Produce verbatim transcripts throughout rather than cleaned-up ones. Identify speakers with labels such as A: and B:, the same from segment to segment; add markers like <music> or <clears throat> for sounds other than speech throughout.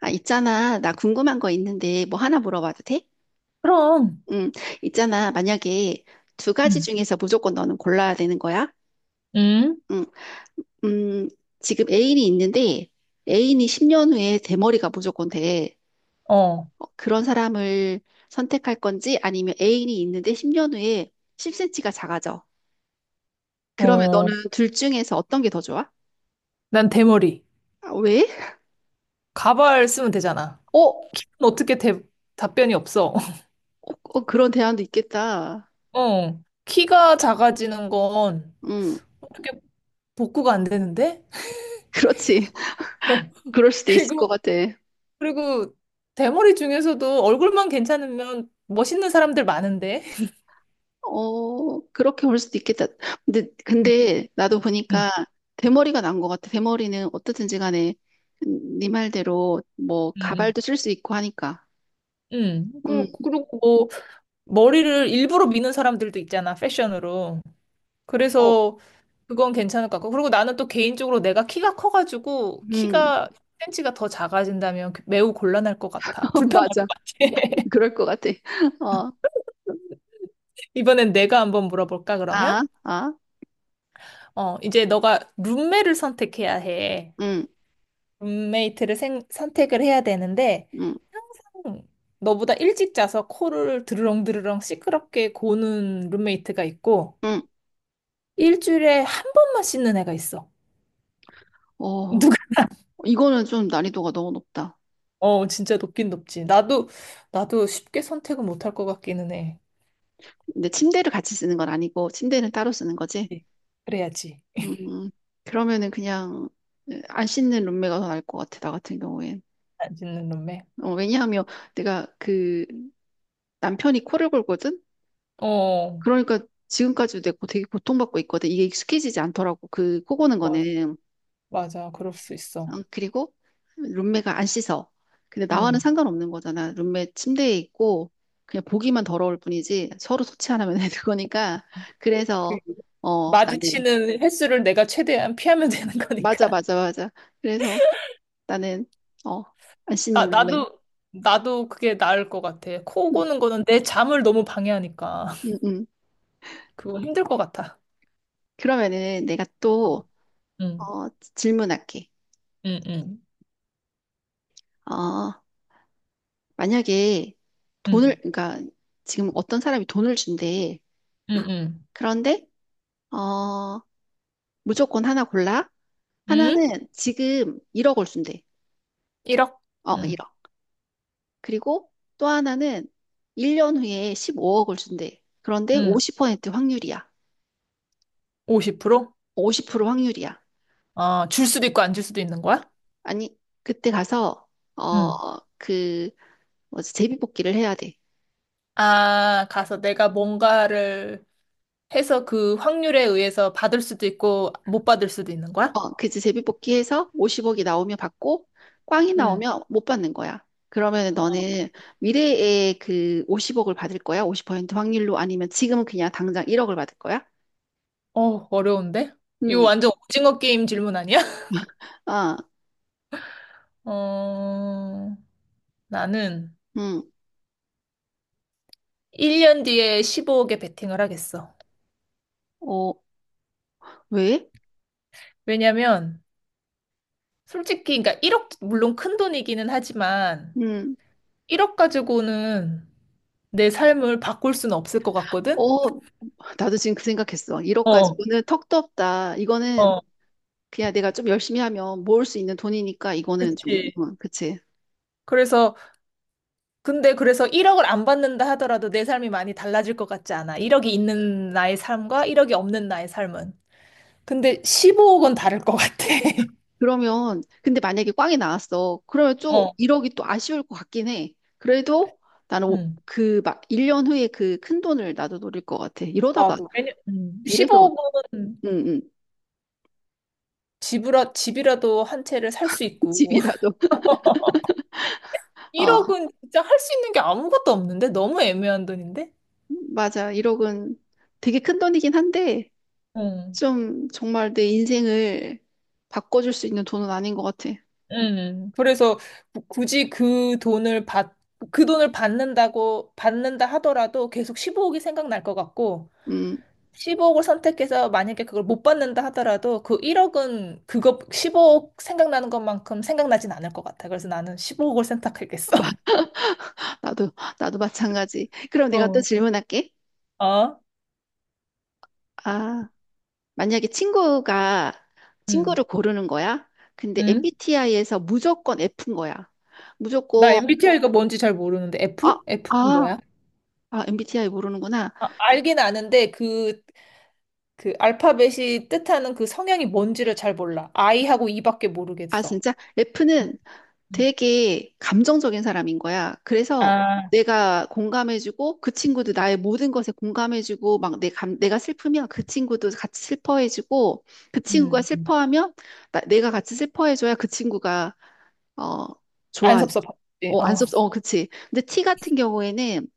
A: 아, 있잖아. 나 궁금한 거 있는데 뭐 하나 물어봐도 돼?
B: 그럼,
A: 응, 있잖아. 만약에 두 가지
B: 음,
A: 중에서 무조건 너는 골라야 되는 거야?
B: 응?
A: 응, 음, 지금 애인이 있는데 애인이 십 년 후에 대머리가 무조건 돼.
B: 어,
A: 어, 그런 사람을 선택할 건지 아니면 애인이 있는데 십 년 후에 십 센티미터가 작아져. 그러면
B: 어,
A: 너는 둘 중에서 어떤 게 더 좋아?
B: 난 대머리.
A: 아, 왜?
B: 가발 쓰면 되잖아.
A: 어, 어,
B: 어떻게 대, 답변이 없어. <laughs>
A: 어, 그런 대안도 있겠다.
B: 어, 키가 작아지는 건
A: 응,
B: 어떻게 복구가 안 되는데? <laughs>
A: 그렇지.
B: 어,
A: <laughs> 그럴 수도 있을
B: 그리고,
A: 것 같아.
B: 그리고 대머리 중에서도 얼굴만 괜찮으면 멋있는 사람들 많은데?
A: 어, 그렇게 볼 수도 있겠다. 근데, 근데 나도
B: 음,
A: 보니까 대머리가 난 것 같아. 대머리는 어떻든지 간에 네 말대로 뭐
B: 음,
A: 가발도 쓸 수 있고 하니까.
B: 응.
A: 음,
B: 그, 그리고 뭐, 머리를 일부러 미는 사람들도 있잖아, 패션으로.
A: 어,
B: 그래서 그건 괜찮을 것 같고. 그리고 나는 또 개인적으로 내가 키가 커가지고
A: 음,
B: 키가 센치가더 작아진다면 그 매우 곤란할 것 같아.
A: <laughs>
B: 불편할 것
A: 맞아.
B: 같아. <laughs>
A: 그럴 것 같아. 어,
B: 이번엔 내가 한번 물어볼까, 그러면?
A: 아, 아,
B: 어, 이제 너가 룸메를 선택해야 해.
A: 음,
B: 룸메이트를 생- 선택을 해야 되는데,
A: 음,
B: 음, 너보다 일찍 자서 코를 드르렁드르렁 시끄럽게 고는 룸메이트가 있고,
A: 음.
B: 일주일에 한 번만 씻는 애가 있어.
A: 어, 이거는 좀 난이도가 너무 높다.
B: 어, 진짜 높긴 높지. 나도, 나도 쉽게 선택은 못할 것 같기는 해.
A: 근데 침대를 같이 쓰는 건 아니고 침대는 따로 쓰는 거지.
B: 그치. 그래야지.
A: 음, 그러면은 그냥 안 씻는 룸메가 더 나을 것 같아. 나 같은 경우엔.
B: 안 짓는 놈매.
A: 어, 왜냐하면 내가 그 남편이 코를 골거든?
B: 어,
A: 그러니까 지금까지도 내가 되게 고통받고 있거든. 이게 익숙해지지 않더라고. 그 코 고는
B: 맞아.
A: 거는.
B: 맞아. 그럴 수 있어.
A: 어, 그리고 룸메가 안 씻어. 근데 나와는
B: 응.
A: 상관없는 거잖아. 룸메 침대에 있고 그냥 보기만 더러울 뿐이지 서로 소치 안 하면 되는 거니까.
B: 그,
A: 그래서 어, 나는
B: 마주치는 횟수를 내가 최대한 피하면 <laughs> 되는
A: 맞아,
B: 거니까.
A: 맞아, 맞아. 그래서 나는 어, 안
B: 나,
A: 씻는 룸메.
B: 나도, 나도 그게 나을 것 같아. 코
A: 응,
B: 고는 거는 내 잠을 너무 방해하니까. <laughs>
A: 응, 응.
B: 그거 힘들 것 같아.
A: 그러면은 내가
B: 어.
A: 또
B: 응,
A: 어, 질문할게.
B: 응, 응,
A: 어, 만약에 돈을,
B: 응,
A: 그러니까 지금 어떤 사람이 돈을 준대.
B: 응, 응.
A: 그런데, 어, 무조건 하나 골라.
B: 응?
A: 하나는 지금 일억을 준대.
B: 일억?
A: 어, 일
B: 응,
A: 억 그리고 또 하나는 일 년 후에 십오억을 준대. 그런데
B: 응.
A: 오십 퍼센트 확률이야.
B: 오십 퍼센트?
A: 오십 퍼센트 확률이야.
B: 아, 줄 수도 있고 안 줄 수도 있는 거야?
A: 아니, 그때 가서,
B: 응.
A: 어, 그, 뭐지, 제비뽑기를 해야 돼.
B: 아, 가서 내가 뭔가를 해서 그 확률에 의해서 받을 수도 있고 못 받을 수도 있는 거야?
A: 어, 그치. 제비뽑기 해서 오십억이 나오면 받고, 꽝이
B: 응.
A: 나오면 못 받는 거야. 그러면 너는 미래에 그 오십억을 받을 거야? 오십 퍼센트 확률로? 아니면 지금은 그냥 당장 일억을 받을 거야?
B: 어, 어려운데? 이거
A: 음,
B: 완전 오징어 게임 질문 아니야?
A: 아,
B: <laughs> 어, 나는
A: 음,
B: 일 년 뒤에 십오억에 베팅을 하겠어.
A: 어, 왜?
B: 왜냐면, 솔직히, 그러니까 일억, 물론 큰 돈이기는 하지만,
A: 음,
B: 일억 가지고는 내 삶을 바꿀 수는 없을 것 같거든?
A: 어, 나도 지금 그 생각했어. 일억
B: 어,
A: 가지고는 턱도 없다. 이거는
B: 어,
A: 그냥 내가 좀 열심히 하면 모을 수 있는 돈이니까 이거는 좀,
B: 그치.
A: 음, 그치.
B: 그래서 근데 그래서 일억을 안 받는다 하더라도 내 삶이 많이 달라질 것 같지 않아. 일억이 있는 나의 삶과 일억이 없는 나의 삶은. 근데 십오억은 다를 것 같아. <laughs>
A: 그러면, 근데 만약에 꽝이 나왔어. 그러면 좀
B: 어.
A: 일억이 또 아쉬울 것 같긴 해. 그래도 나는 오-
B: 음.
A: 그 막, 일 년 후에 그 큰 돈을 나도 노릴 것 같아. 이러다가,
B: 나도. 왜냐, 음.
A: 이래서,
B: 십오억은
A: 응, 응,
B: 집이라, 집이라도 한 채를 살 수
A: <laughs>
B: 있고.
A: 집이라도.
B: <laughs>
A: 어,
B: 일억은 진짜 할 수 있는 게 아무것도 없는데? 너무 애매한 돈인데?
A: 맞아. 일억은 되게 큰 돈이긴 한데,
B: 응.
A: 좀 정말 내 인생을 바꿔줄 수 있는 돈은 아닌 것 같아.
B: 응. 그래서 구- 굳이 그 돈을 받, 그 돈을 받는다고, 받는다 하더라도 계속 십오억이 생각날 것 같고,
A: 음,
B: 십오억을 선택해서 만약에 그걸 못 받는다 하더라도 그 일억은 그거 십오억 생각나는 것만큼 생각나진 않을 것 같아. 그래서 나는 십오억을 선택하겠어.
A: <laughs> 마-
B: <laughs>
A: 나도, 나도 마찬가지. 그럼 내가 또
B: 어.
A: 질문할게.
B: 어?
A: 아. 만약에 친구가 친구를
B: 음.
A: 고르는 거야? 근데
B: 음.
A: 엠비티아이에서 무조건 F인 거야.
B: 나
A: 무조건
B: 엠비티아이가 뭔지 잘 모르는데
A: 아,
B: F? F는
A: 아,
B: 뭐야?
A: 아, 엠비티아이 모르는구나.
B: 아, 알긴 아는데 그, 그 알파벳이 뜻하는 그 성향이 뭔지를 잘 몰라. I하고 E밖에
A: 아,
B: 모르겠어.
A: 진짜
B: 음,
A: F는
B: 음.
A: 되게 감정적인 사람인 거야. 그래서
B: 아,
A: 내가 공감해주고 그 친구도 나의 모든 것에 공감해주고 막 내 감, 내가 슬프면 그 친구도 같이 슬퍼해주고 그 친구가
B: 음, 음.
A: 슬퍼하면 나- 내가 같이 슬퍼해줘야 그 친구가 어
B: 안
A: 좋아.
B: 섭섭하지.
A: 어, 안
B: 어.
A: 섭, 어, 그치. 근데 T 같은 경우에는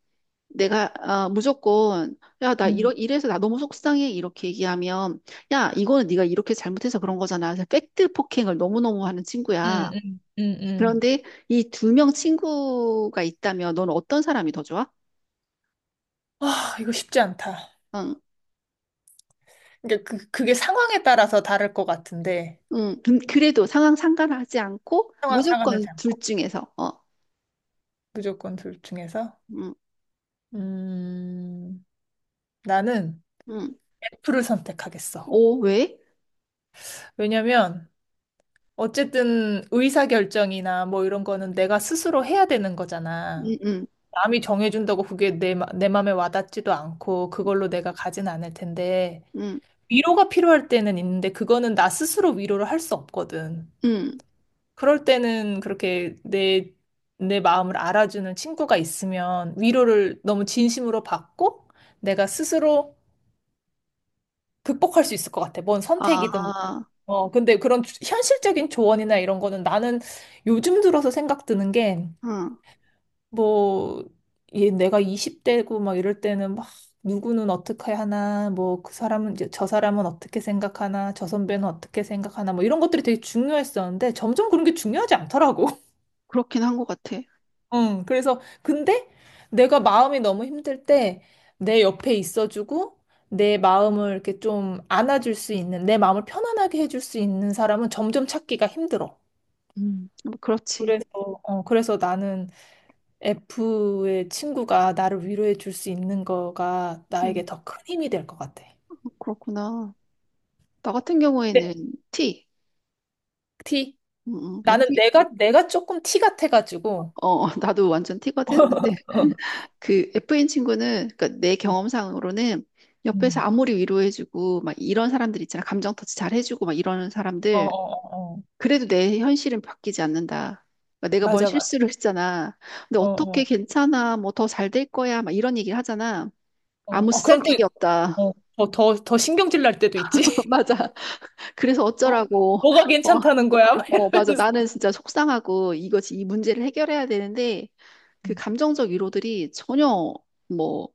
A: 내가 아, 무조건 야, 나
B: 음,
A: 이러 이래서 나 너무 속상해 이렇게 얘기하면 야, 이거는 네가 이렇게 잘못해서 그런 거잖아. 그래서 팩트 폭행을 너무너무 하는 친구야.
B: 음, 음, 음, 음.
A: 그런데 이 두 명 친구가 있다면 넌 어떤 사람이 더 좋아?
B: 아, 이거 쉽지 않다.
A: 응.
B: 그러니까 그, 그게 상황에 따라서 다를 것 같은데,
A: 응. 근- 그래도 상황 상관하지 않고
B: 상황
A: 무조건
B: 상하지 않고,
A: 둘 중에서 어.
B: 무조건 둘 중에서.
A: 응.
B: 음, 나는
A: 응.
B: F를 선택하겠어.
A: 오, 왜?
B: 왜냐면, 어쨌든 의사결정이나 뭐 이런 거는 내가 스스로 해야 되는 거잖아.
A: 응, 응.
B: 남이 정해준다고 그게 내, 마- 내 마음에 와닿지도 않고, 그걸로 내가 가진 않을 텐데,
A: 응.
B: 위로가 필요할 때는 있는데, 그거는 나 스스로 위로를 할 수 없거든.
A: 응.
B: 그럴 때는 그렇게 내, 내 마음을 알아주는 친구가 있으면 위로를 너무 진심으로 받고 내가 스스로 극복할 수 있을 것 같아. 뭔 선택이든. 뭐.
A: 아.
B: 어, 근데 그런 주- 현실적인 조언이나 이런 거는 나는 요즘 들어서 생각 드는 게
A: 응.
B: 뭐, 얘 내가 이십 대고 막 이럴 때는 막 누구는 어떻게 하나, 뭐 그 사람은 이제 저 사람은 어떻게 생각하나, 저 선배는 어떻게 생각하나, 뭐 이런 것들이 되게 중요했었는데 점점 그런 게 중요하지 않더라고.
A: 그렇긴 한 것 같아.
B: 응, 그래서, 근데 내가 마음이 너무 힘들 때 내 옆에 있어주고 내 마음을 이렇게 좀 안아줄 수 있는, 내 마음을 편안하게 해줄 수 있는 사람은 점점 찾기가 힘들어.
A: 음, 뭐 그렇지.
B: 그래서, 어, 그래서 나는 F의 친구가 나를 위로해 줄 수 있는 거가
A: 음,
B: 나에게 더 큰 힘이 될 것 같아.
A: 뭐 그렇구나. 나 같은
B: 네,
A: 경우에는 T.
B: T.
A: 음, 음, F.
B: 나는 내가, 내가 조금 T 같아가지고.
A: 어, <laughs> 나도 완전 T거든. 근데
B: 어,
A: 그 F인 친구는 그러니까 내 경험상으로는 옆에서
B: 음.
A: 아무리 위로해주고 막 이런 사람들 있잖아. 감정 터치 잘 해주고 막 이러는
B: 어, 어,
A: 사람들.
B: 어. 어.
A: 그래도 내 현실은 바뀌지 않는다. 그러니까 내가 뭔
B: 맞아, 맞아.
A: 실수를 했잖아. 근데
B: 어,
A: 어떻게
B: 어,
A: 괜찮아? 뭐 더 잘 될 거야? 막 이런 얘기를 하잖아.
B: 어.
A: 아무
B: 어, 그럼 또,
A: 쓰잘데기 없다.
B: 어, 더, 더, 더 신경질 날 때도 있지.
A: <laughs> 맞아. 그래서
B: 어,
A: 어쩌라고.
B: 뭐가
A: 어.
B: 괜찮다는 거야? 막
A: 어, 맞아.
B: 이러면서.
A: 나는 진짜 속상하고 이것이 이 문제를 해결해야 되는데 그
B: 음,
A: 감정적 위로들이 전혀 뭐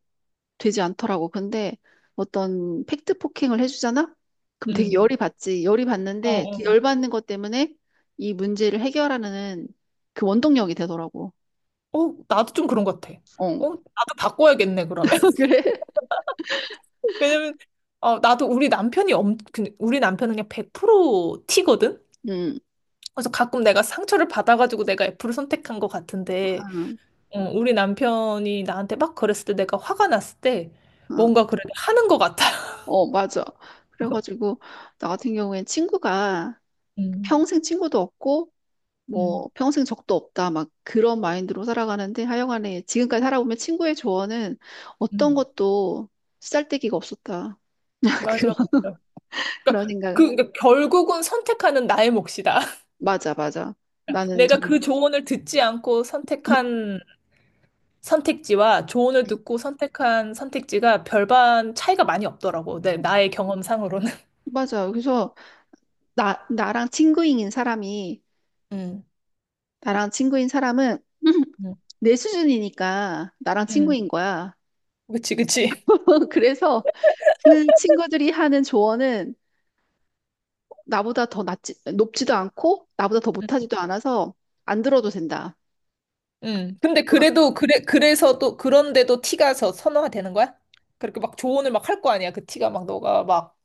A: 되지 않더라고. 근데 어떤 팩트 폭행을 해주잖아? 그럼 되게
B: 음.
A: 열이 받지. 열이
B: 어,
A: 받는데 그
B: 어.
A: 열 받는 것 때문에 이 문제를 해결하는 그 원동력이 되더라고.
B: 어, 나도 좀 그런 것 같아.
A: 어,
B: 어, 나도 바꿔야겠네, 그러면.
A: <laughs>
B: <laughs>
A: 그래?
B: 왜냐면, 어, 나도 우리 남편이 엄, 그- 우리 남편은 그냥 백 퍼센트 티거든.
A: 응,
B: 그래서 가끔 내가 상처를 받아가지고 내가 F를 선택한 것 같은데,
A: 응,
B: 어, 우리 남편이 나한테 막 그랬을 때 내가 화가 났을 때
A: 응.
B: 뭔가 그래도 하는 것 같아. <laughs>
A: 어, 맞아. 그래가지고 나 같은 경우엔 친구가
B: 음,
A: 평생 친구도 없고
B: 음,
A: 뭐 평생 적도 없다 막 그런 마인드로 살아가는데 하여간에 지금까지 살아보면 친구의 조언은 어떤
B: 음.
A: 것도 쓰잘데기가 없었다. <laughs> 그런
B: 맞아, 맞아. 그러니까,
A: 그런 생각.
B: 그, 그러니까 결국은 선택하는 나의 몫이다.
A: 맞아, 맞아. 나는
B: 내가
A: 정말
B: 그 조언을 듣지 않고
A: <clears throat>
B: 선택한 선택지와 조언을
A: <laughs>
B: 듣고 선택한 선택지가 별반 차이가 많이 없더라고. 내, 나의 경험상으로는.
A: 맞아. 그래서 나 나랑 친구인 사람이
B: 음,
A: 나랑 친구인 사람은 <clears throat> <laughs>
B: 음,
A: 내 수준이니까 나랑
B: 음.
A: 친구인 거야.
B: 그치, 그치.
A: <laughs> 그래서 그 친구들이 하는 조언은 나보다 더 낮지, 높지도 않고 나보다 더
B: 음.
A: 못하지도 않아서 안 들어도 된다.
B: 음. 근데 그래도, 그래, 그래서 또, 그런데도 티가 서 선호가 되는 거야? 그렇게 막 조언을 막 할 거 아니야. 그 티가 막 너가 막,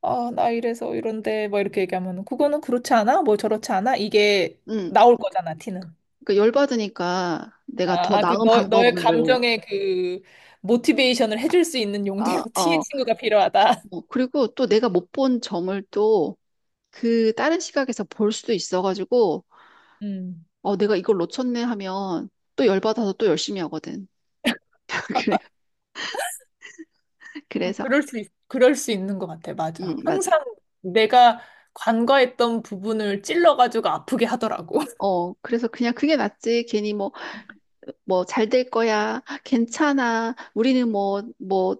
B: 아, 나 이래서 이런데, 막 이렇게 얘기하면, 그거는 그렇지 않아? 뭐 저렇지 않아? 이게
A: 응,
B: 나올 거잖아, 티는.
A: 그 열받으니까 내가 더
B: 아, 아, 그
A: 나은
B: 너, 너의
A: 방법을,
B: 감정의 그 모티베이션을 해줄 수 있는 용도로
A: 아,
B: <laughs> T의
A: 어,
B: 친구가 필요하다.
A: 뭐, 그리고 또 내가 못 본 점을 또 그 다른 시각에서 볼 수도 있어가지고,
B: 음.
A: 어, 내가 이걸 놓쳤네 하면 또 열받아서 또 열심히 하거든. <laughs> 그래,
B: 어,
A: 그래서,
B: 그럴 수, 있, 그럴 수 있는 것 같아. 맞아.
A: 응, 맞아.
B: 항상 내가 간과했던 부분을 찔러가지고 아프게 하더라고. <laughs>
A: 어, 그래서 그냥 그게 낫지. 괜히 뭐, 뭐, 잘 될 거야. 괜찮아. 우리는 뭐, 뭐,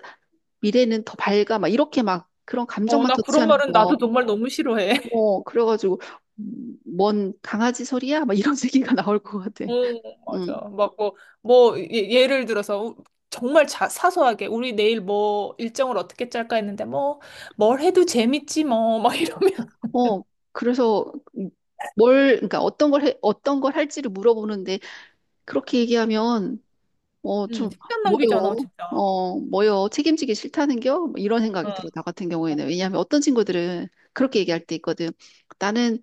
A: 미래는 더 밝아. 막 이렇게 막 그런
B: 어,
A: 감정만
B: 나 그런
A: 터치하는
B: 말은
A: 거.
B: 나도 정말 너무 싫어해.
A: 어, 그래가지고, 음, 뭔 강아지 소리야? 막 이런 <laughs> 얘기가 나올 것 같아.
B: <laughs> 어,
A: 음,
B: 맞아. 막 뭐, 뭐, 예- 예를 들어서 정말 자, 사소하게 우리 내일 뭐 일정을 어떻게 짤까 했는데 뭐, 뭘 해도 재밌지 뭐, 막 이러면.
A: 어, 그래서 뭘, 그러니까 어떤 걸 해, 어떤 걸 할지를 물어보는데, 그렇게 얘기하면, 어,
B: <laughs> 음,
A: 좀,
B: 시간 낭비잖아,
A: 뭐요?
B: 진짜.
A: 어, 뭐요? 책임지기 싫다는겨? 뭐 이런 생각이
B: 어.
A: 들어, 나 같은 경우에는. 왜냐하면 어떤 친구들은 그렇게 얘기할 때 있거든. 나는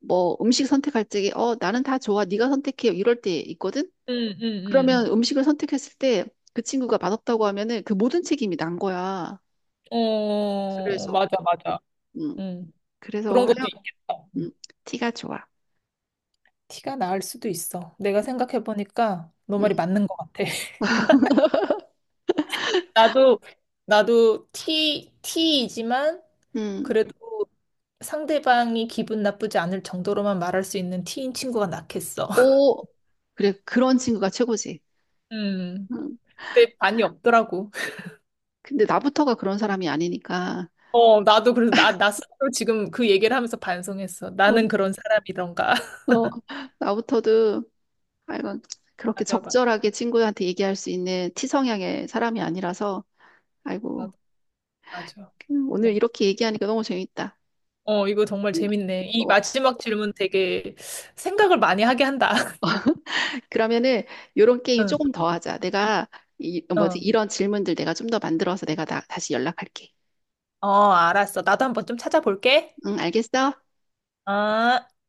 A: 뭐 음식 선택할 적에, 어, 나는 다 좋아. 네가 선택해. 이럴 때 있거든?
B: 응,
A: 그러면
B: 응,
A: 음식을 선택했을 때, 그 친구가 맛없다고 하면은 그 모든 책임이 난 거야.
B: 응. 어,
A: 그래서,
B: 맞아, 맞아.
A: 음,
B: 응.
A: 그래서
B: 그런 것도
A: 하여,
B: 있겠다.
A: 음, 티가 좋아.
B: 티가 나을 수도 있어. 내가 생각해보니까 너
A: 음,
B: 말이 맞는 것 같아. <laughs> 나도, 나도 티, 티이지만
A: 음,
B: 그래도 상대방이 기분 나쁘지 않을 정도로만 말할 수 있는 티인 친구가 낫겠어. <laughs>
A: 오, 그래, 그런 친구가 최고지.
B: 음.
A: 음,
B: 근데 반이 없더라고.
A: 근데 나부터가 그런 사람이 아니니까,
B: 어, 나도 그래서 나, 나 스스로 지금 그 얘기를 하면서 반성했어.
A: 어,
B: 나는 그런 사람이던가. <laughs>
A: 어, 나부터도, 아이고, 그렇게
B: 맞아, 맞아.
A: 적절하게 친구한테 얘기할 수 있는 티 성향의 사람이 아니라서, 아이고,
B: 나도, 맞아.
A: 음, 오늘 이렇게 얘기하니까 너무 재밌다.
B: 어, 이거 정말
A: 음,
B: 재밌네. 이
A: 어,
B: 마지막 질문 되게 생각을 많이 하게 한다. <laughs>
A: 그러면은, 요런 게임
B: 응,
A: 조금 더 하자. 내가, 이, 뭐지,
B: 응.
A: 이런 질문들 내가 좀 더 만들어서 내가 나, 다시 연락할게.
B: 어, 알았어. 나도 한번 좀 찾아볼게.
A: 응, 알겠어?
B: 어.